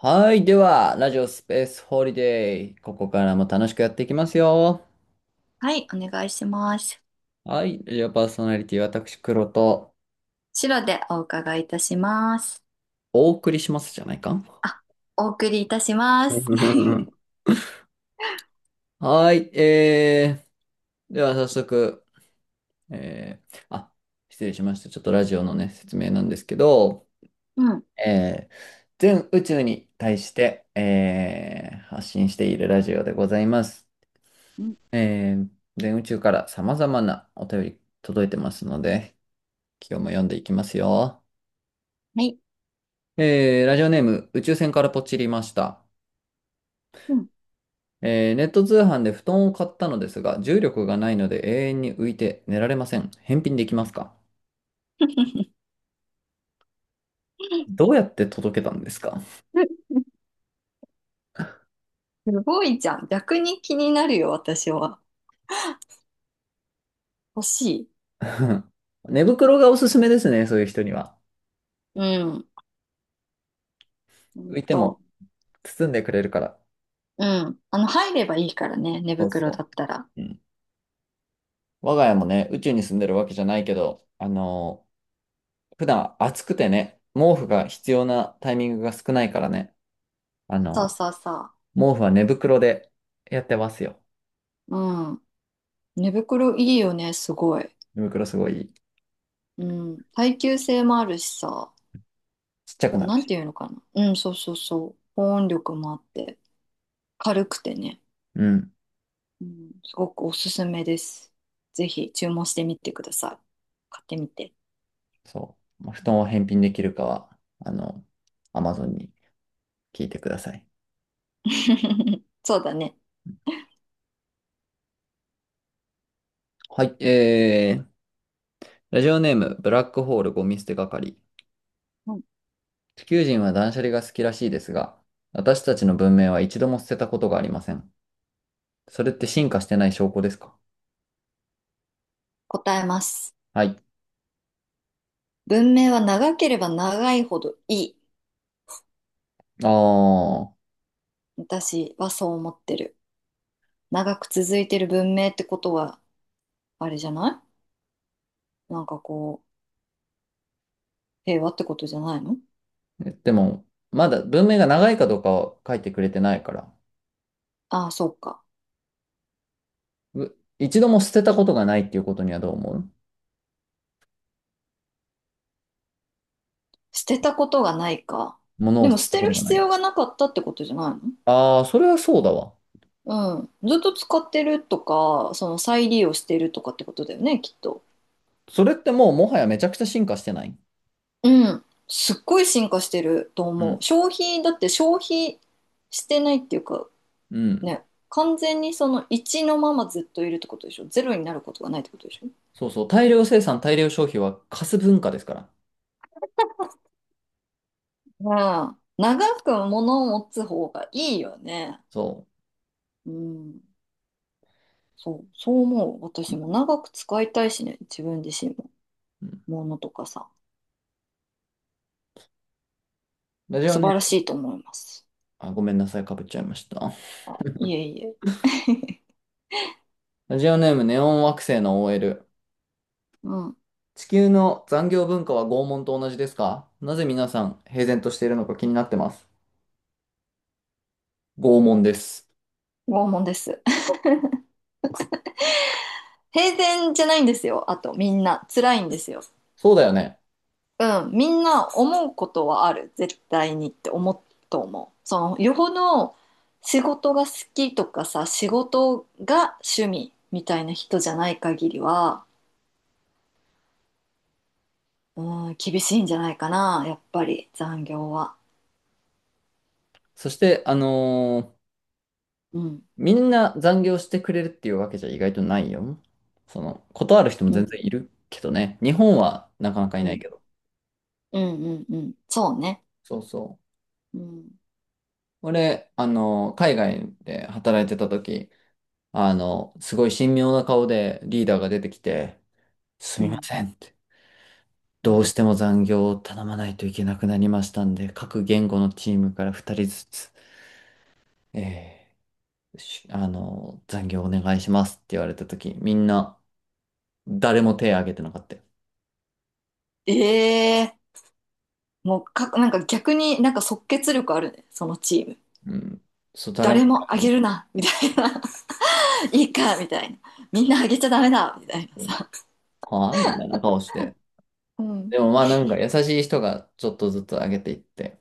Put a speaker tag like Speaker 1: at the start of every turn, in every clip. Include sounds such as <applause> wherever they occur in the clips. Speaker 1: はい。では、ラジオスペースホリデー。ここからも楽しくやっていきますよ。
Speaker 2: はい、お願いします。
Speaker 1: はい。ラジオパーソナリティ、私、黒と
Speaker 2: 白でお伺いいたします。
Speaker 1: お送りしますじゃないか。
Speaker 2: あ、お送りいたします。<laughs>
Speaker 1: <laughs> はい。では、早速、えー、あ、失礼しました。ちょっとラジオのね、説明なんですけど、
Speaker 2: うん。
Speaker 1: えー、全宇宙に対して、発信しているラジオでございます。
Speaker 2: うん。
Speaker 1: えー、全宇宙から様々なお便り届いてますので、今日も読んでいきますよ。
Speaker 2: はい。
Speaker 1: ラジオネーム、宇宙船からポチりました。
Speaker 2: うん。
Speaker 1: ネット通販で布団を買ったのですが、重力がないので永遠に浮いて寝られません。返品できますか？どうやって届けたんですか？
Speaker 2: <laughs> すごいじゃん。逆に気になるよ、私は。欲しい。
Speaker 1: <laughs> 寝袋がおすすめですね、そういう人には。
Speaker 2: うん。ほん
Speaker 1: 浮いても
Speaker 2: と。
Speaker 1: 包んでくれるから。
Speaker 2: うん。入ればいいからね、寝
Speaker 1: そう
Speaker 2: 袋
Speaker 1: そ
Speaker 2: だったら。
Speaker 1: う。うん。我が家もね、宇宙に住んでるわけじゃないけど、普段暑くてね、毛布が必要なタイミングが少ないからね、あ
Speaker 2: そう
Speaker 1: の
Speaker 2: そうそ
Speaker 1: 毛布は寝袋でやってますよ。
Speaker 2: う。うん。寝袋いいよね、すごい。
Speaker 1: 胃袋すごい
Speaker 2: うん。耐久性もあるしさ。
Speaker 1: ちっちゃく
Speaker 2: お、
Speaker 1: なる
Speaker 2: なん
Speaker 1: し。
Speaker 2: ていうのかな。うん、そうそうそう。保温力もあって。軽くてね。
Speaker 1: うん。
Speaker 2: うん、すごくおすすめです。ぜひ注文してみてください。買ってみて。
Speaker 1: そう。まあ布団を返品できるかは、あの、アマゾンに聞いてください。
Speaker 2: <laughs> そうだね。
Speaker 1: はい。ラジオネーム、ブラックホールゴミ捨て係。
Speaker 2: うん、
Speaker 1: 地球人は断捨離が好きらしいですが、私たちの文明は一度も捨てたことがありません。それって進化してない証拠ですか？
Speaker 2: 答えます。
Speaker 1: はい。
Speaker 2: 文明は長ければ長いほどいい。
Speaker 1: ああ、
Speaker 2: 私はそう思ってる。長く続いてる文明ってことは、あれじゃない、なんかこう、平和ってことじゃないの？
Speaker 1: えでも、まだ文明が長いかどうかは書いてくれてないから、
Speaker 2: ああ、そうか。
Speaker 1: う一度も捨てたことがないっていうことにはどう思う？
Speaker 2: 捨てたことがないか。
Speaker 1: 物
Speaker 2: で
Speaker 1: を
Speaker 2: も
Speaker 1: 捨て
Speaker 2: 捨
Speaker 1: た
Speaker 2: て
Speaker 1: こ
Speaker 2: る
Speaker 1: とがな
Speaker 2: 必
Speaker 1: い。
Speaker 2: 要がなかったってことじゃない？
Speaker 1: ああ、それはそうだわ。
Speaker 2: のうん。ずっと使ってるとか、その再利用してるとかってことだよね、きっと。
Speaker 1: それってもうもはやめちゃくちゃ進化してない？
Speaker 2: うん。すっごい進化してると
Speaker 1: う
Speaker 2: 思
Speaker 1: ん。
Speaker 2: う。消費、だって消費してないっていうか、
Speaker 1: うん。
Speaker 2: ね、完全にその1のままずっといるってことでしょ。ゼロになることがないってことでしょ。
Speaker 1: そうそう。大量生産、大量消費はカス文化ですから。
Speaker 2: うん。長く物を持つ方がいいよね。
Speaker 1: そ
Speaker 2: うん。そう、そう思う。
Speaker 1: う。う
Speaker 2: 私も
Speaker 1: ん
Speaker 2: 長く使いたいしね、自分自身も。
Speaker 1: うん
Speaker 2: 物とかさ、
Speaker 1: ラジオ
Speaker 2: 素
Speaker 1: ネー
Speaker 2: 晴らし
Speaker 1: ム、
Speaker 2: いと思います。
Speaker 1: あ、ごめんなさい、かぶっちゃいました。
Speaker 2: あ、いえいえ。
Speaker 1: ラジオネーム、ネオン惑星の OL。
Speaker 2: うん。
Speaker 1: 地球の残業文化は拷問と同じですか？なぜ皆さん平然としているのか気になってます。拷問です。
Speaker 2: 拷問です。<laughs> 平然じゃないんですよ。あと、みんな。辛いんですよ。
Speaker 1: そうだよね。
Speaker 2: うん、みんな思うことはある絶対にって思うと思う。そのよほど仕事が好きとかさ、仕事が趣味みたいな人じゃない限りは、うん、厳しいんじゃないかな、やっぱり残業は。
Speaker 1: そして、
Speaker 2: うん、
Speaker 1: みんな残業してくれるっていうわけじゃ意外とないよ。その、断る人も
Speaker 2: う
Speaker 1: 全
Speaker 2: ん、
Speaker 1: 然いるけどね。日本はなかなかい
Speaker 2: う
Speaker 1: ない
Speaker 2: ん、
Speaker 1: けど。
Speaker 2: うん、うん、うん、そうね。
Speaker 1: そうそう。
Speaker 2: うん、
Speaker 1: 俺、あの、海外で働いてた時、あの、すごい神妙な顔でリーダーが出てきて、す
Speaker 2: う
Speaker 1: みま
Speaker 2: ん、
Speaker 1: せんって。
Speaker 2: う
Speaker 1: どう
Speaker 2: ん。
Speaker 1: しても残業を頼まないといけなくなりましたんで、各言語のチームから2人ずつ、えーしあの、残業お願いしますって言われた時、みんな誰も手を挙げてなかったよ。
Speaker 2: ええー。もう、か、なんか逆になんか即決力あるね、そのチーム。
Speaker 1: うん。そう、誰も
Speaker 2: 誰
Speaker 1: 手を
Speaker 2: もあ
Speaker 1: 挙げな
Speaker 2: げる
Speaker 1: い。
Speaker 2: なみたいな、いいか、みたいな。みんなあげちゃダメだ、みたいな
Speaker 1: そう
Speaker 2: さ。
Speaker 1: はあみたいな顔して。
Speaker 2: うん。
Speaker 1: でもまあなんか優しい人がちょっとずつ上げていって、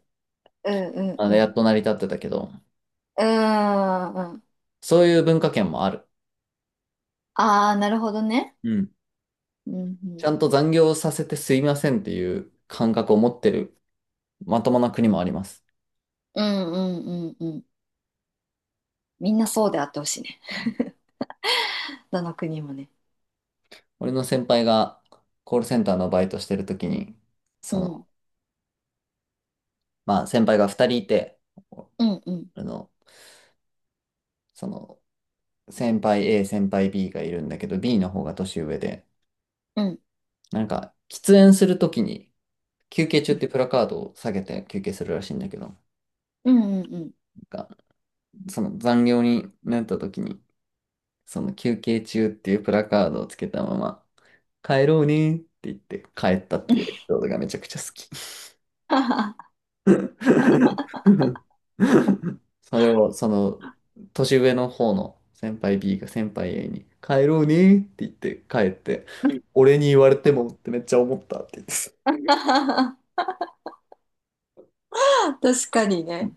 Speaker 2: うんうん
Speaker 1: あ
Speaker 2: う
Speaker 1: れや
Speaker 2: ん。
Speaker 1: っと成り立ってたけど、
Speaker 2: うーん。うん。
Speaker 1: そういう文化圏もある。
Speaker 2: ああ、なるほどね。
Speaker 1: うん。
Speaker 2: うん
Speaker 1: ち
Speaker 2: う
Speaker 1: ゃんと残業させてすいませんっていう感覚を持ってるまともな国もあります。
Speaker 2: ん。うんうんうんうん。みんなそうであってほしいね。どの国もね。
Speaker 1: 俺の先輩がコールセンターのバイトしてる時に、
Speaker 2: う
Speaker 1: そ
Speaker 2: ん。
Speaker 1: の、まあ先輩が2人いて、
Speaker 2: うんうん
Speaker 1: あの、その、先輩 A、先輩 B がいるんだけど、B の方が年上で、
Speaker 2: うん。
Speaker 1: なんか、喫煙するときに、休憩中
Speaker 2: う
Speaker 1: っ
Speaker 2: ん
Speaker 1: てプラカードを下げて休憩するらしいんだけど、なん
Speaker 2: うんう
Speaker 1: かその残業になった時に、その休憩中っていうプラカードをつけたまま、帰ろうねって言って帰ったっていうエピ
Speaker 2: ん。
Speaker 1: ソードがめちゃくちゃ好き。
Speaker 2: <laughs> う
Speaker 1: <laughs> それをその年上の方の先輩 B が先輩 A に帰ろうねって言って帰って、
Speaker 2: ん。
Speaker 1: 俺に言われてもってめっちゃ思ったって言って、そ
Speaker 2: 確かにね。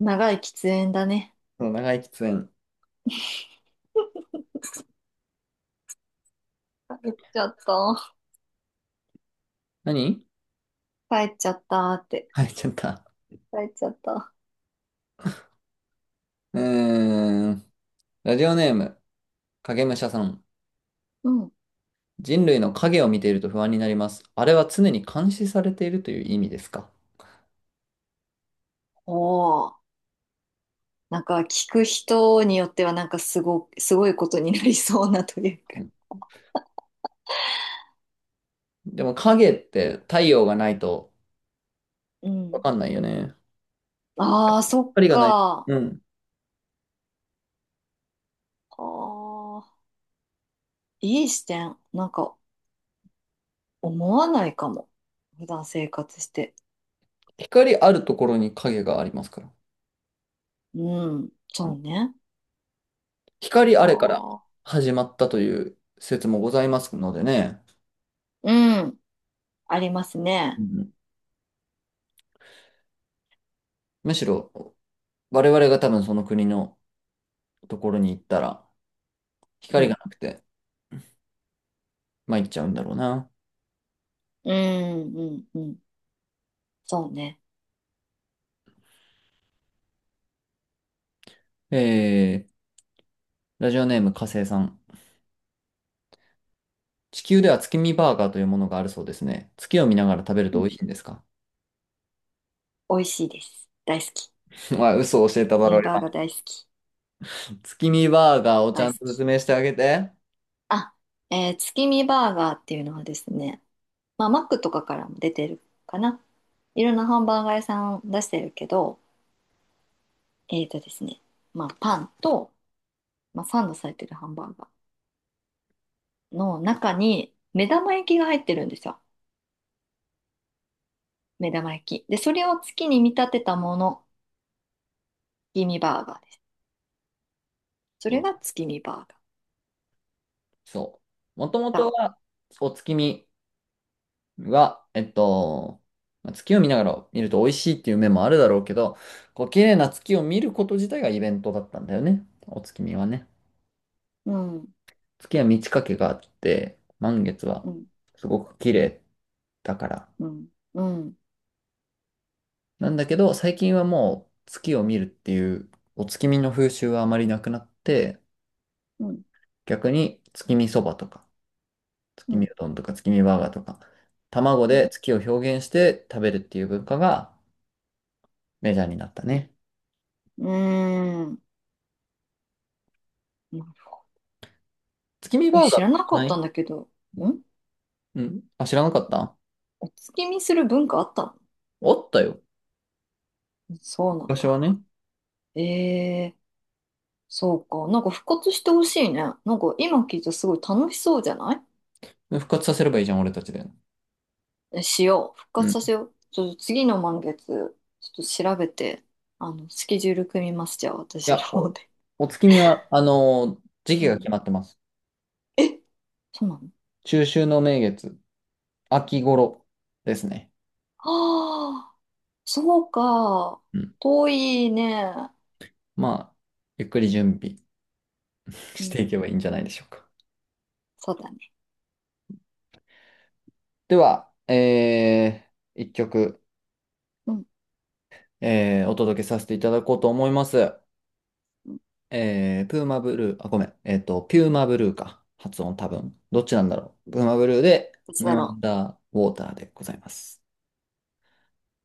Speaker 2: 長い喫煙だね。
Speaker 1: の長い喫煙。
Speaker 2: 帰っちゃった。
Speaker 1: 何 <laughs>
Speaker 2: 帰っちゃったって。
Speaker 1: 入っちゃった。
Speaker 2: 帰っちゃった。
Speaker 1: うーん。ラジオネーム、影武者さん。
Speaker 2: うん。
Speaker 1: 人類の影を見ていると不安になります。あれは常に監視されているという意味ですか？
Speaker 2: おお。なんか聞く人によってはなんかすご、すごいことになりそうな、という
Speaker 1: う
Speaker 2: か。
Speaker 1: ん、でも影って太陽がないと
Speaker 2: う
Speaker 1: わ
Speaker 2: ん。
Speaker 1: かんないよね。
Speaker 2: ああ、そっ
Speaker 1: 光がない。
Speaker 2: か。
Speaker 1: うん。
Speaker 2: ああ、いい視点。なんか思わないかも。普段生活して。
Speaker 1: 光あるところに影がありますから。
Speaker 2: うん、
Speaker 1: う
Speaker 2: そ
Speaker 1: ん、
Speaker 2: うね。
Speaker 1: 光あれから
Speaker 2: ああ、
Speaker 1: 始まったという説もございますのでね。
Speaker 2: うん、あります
Speaker 1: う
Speaker 2: ね。
Speaker 1: ん、むしろ我々が多分その国のところに行ったら
Speaker 2: う
Speaker 1: 光
Speaker 2: ん、
Speaker 1: がなくて参っちゃうんだろうな。
Speaker 2: うん、うん、うん、そうね。
Speaker 1: えー、ラジオネーム火星さん。地球では月見バーガーというものがあるそうですね。月を見ながら食べる
Speaker 2: う
Speaker 1: と美
Speaker 2: ん、
Speaker 1: 味しいんですか？
Speaker 2: 美味しいです。大好き。
Speaker 1: <laughs> まあ、嘘を教えただ
Speaker 2: 月
Speaker 1: ろ
Speaker 2: 見
Speaker 1: う、
Speaker 2: バーガー
Speaker 1: 今。
Speaker 2: 大好き。
Speaker 1: 月見バーガーをち
Speaker 2: 大
Speaker 1: ゃ
Speaker 2: 好
Speaker 1: んと説
Speaker 2: き。
Speaker 1: 明してあげて。
Speaker 2: あ、月見バーガーっていうのはですね、まあ、マックとかからも出てるかな。いろんなハンバーガー屋さん出してるけど、えーとですね、まあ、パンと、まあ、サンドされてるハンバーガーの中に目玉焼きが入ってるんですよ。目玉焼き。で、それを月に見立てたもの、月見バーガーです。そ
Speaker 1: そ
Speaker 2: れ
Speaker 1: う。
Speaker 2: が月見バー
Speaker 1: そう。もとも
Speaker 2: ガ
Speaker 1: と
Speaker 2: ー。
Speaker 1: は、お月見は、えっと、まあ月を見ながら見ると美味しいっていう面もあるだろうけど、こう、綺麗な月を見ること自体がイベントだったんだよね。お月見はね。
Speaker 2: うん、
Speaker 1: 月は満ち欠けがあって、満月は
Speaker 2: うん、
Speaker 1: すごく綺麗だから。
Speaker 2: うん、うん、
Speaker 1: なんだけど、最近はもう月を見るっていうお月見の風習はあまりなくなって、
Speaker 2: うん、
Speaker 1: 逆に月見そばとか、月
Speaker 2: うん、
Speaker 1: 見うどんとか月見バーガーとか、卵
Speaker 2: うん。
Speaker 1: で月を表現して食べるっていう文化がメジャーになったね。
Speaker 2: うーん。
Speaker 1: 月見バ
Speaker 2: え、
Speaker 1: ーガー
Speaker 2: 知ら
Speaker 1: と
Speaker 2: な
Speaker 1: か
Speaker 2: か
Speaker 1: な
Speaker 2: った
Speaker 1: い？
Speaker 2: んだけど、ん、
Speaker 1: うん。あ、知らなかった
Speaker 2: お月見する文化あった
Speaker 1: あったよ。
Speaker 2: の？そうなん
Speaker 1: 昔は
Speaker 2: だ。
Speaker 1: ね。
Speaker 2: えー、そうか。なんか復活してほしいね。なんか今聞いたらすごい楽しそうじゃない？
Speaker 1: 復活させればいいじゃん、俺たちで。
Speaker 2: え、しよう。復
Speaker 1: うん。
Speaker 2: 活
Speaker 1: い
Speaker 2: させよう。ちょっと次の満月、ちょっと調べて、あの、スケジュール組みます。じゃあ私
Speaker 1: や、
Speaker 2: の方
Speaker 1: お、
Speaker 2: で。
Speaker 1: お月見は、
Speaker 2: <laughs>
Speaker 1: 時期
Speaker 2: う
Speaker 1: が
Speaker 2: ん。
Speaker 1: 決まってます。
Speaker 2: え、そうなの？
Speaker 1: 中秋の名月、秋頃ですね。
Speaker 2: ああ、そうか。
Speaker 1: うん
Speaker 2: 遠いね。
Speaker 1: まあ、ゆっくり準備
Speaker 2: う
Speaker 1: してい
Speaker 2: ん。
Speaker 1: けばいいんじゃないでしょうか。
Speaker 2: そうだね。
Speaker 1: では、一曲、
Speaker 2: うん。
Speaker 1: お届けさせていただこうと思います。
Speaker 2: うん。
Speaker 1: プーマブルー、あ、ごめん、えっと、ピューマブルーか。発音多分。どっちなんだろう。プーマブルーで、
Speaker 2: いつだ
Speaker 1: ムー
Speaker 2: ろ
Speaker 1: ン
Speaker 2: う。
Speaker 1: ダーウォーターでございます。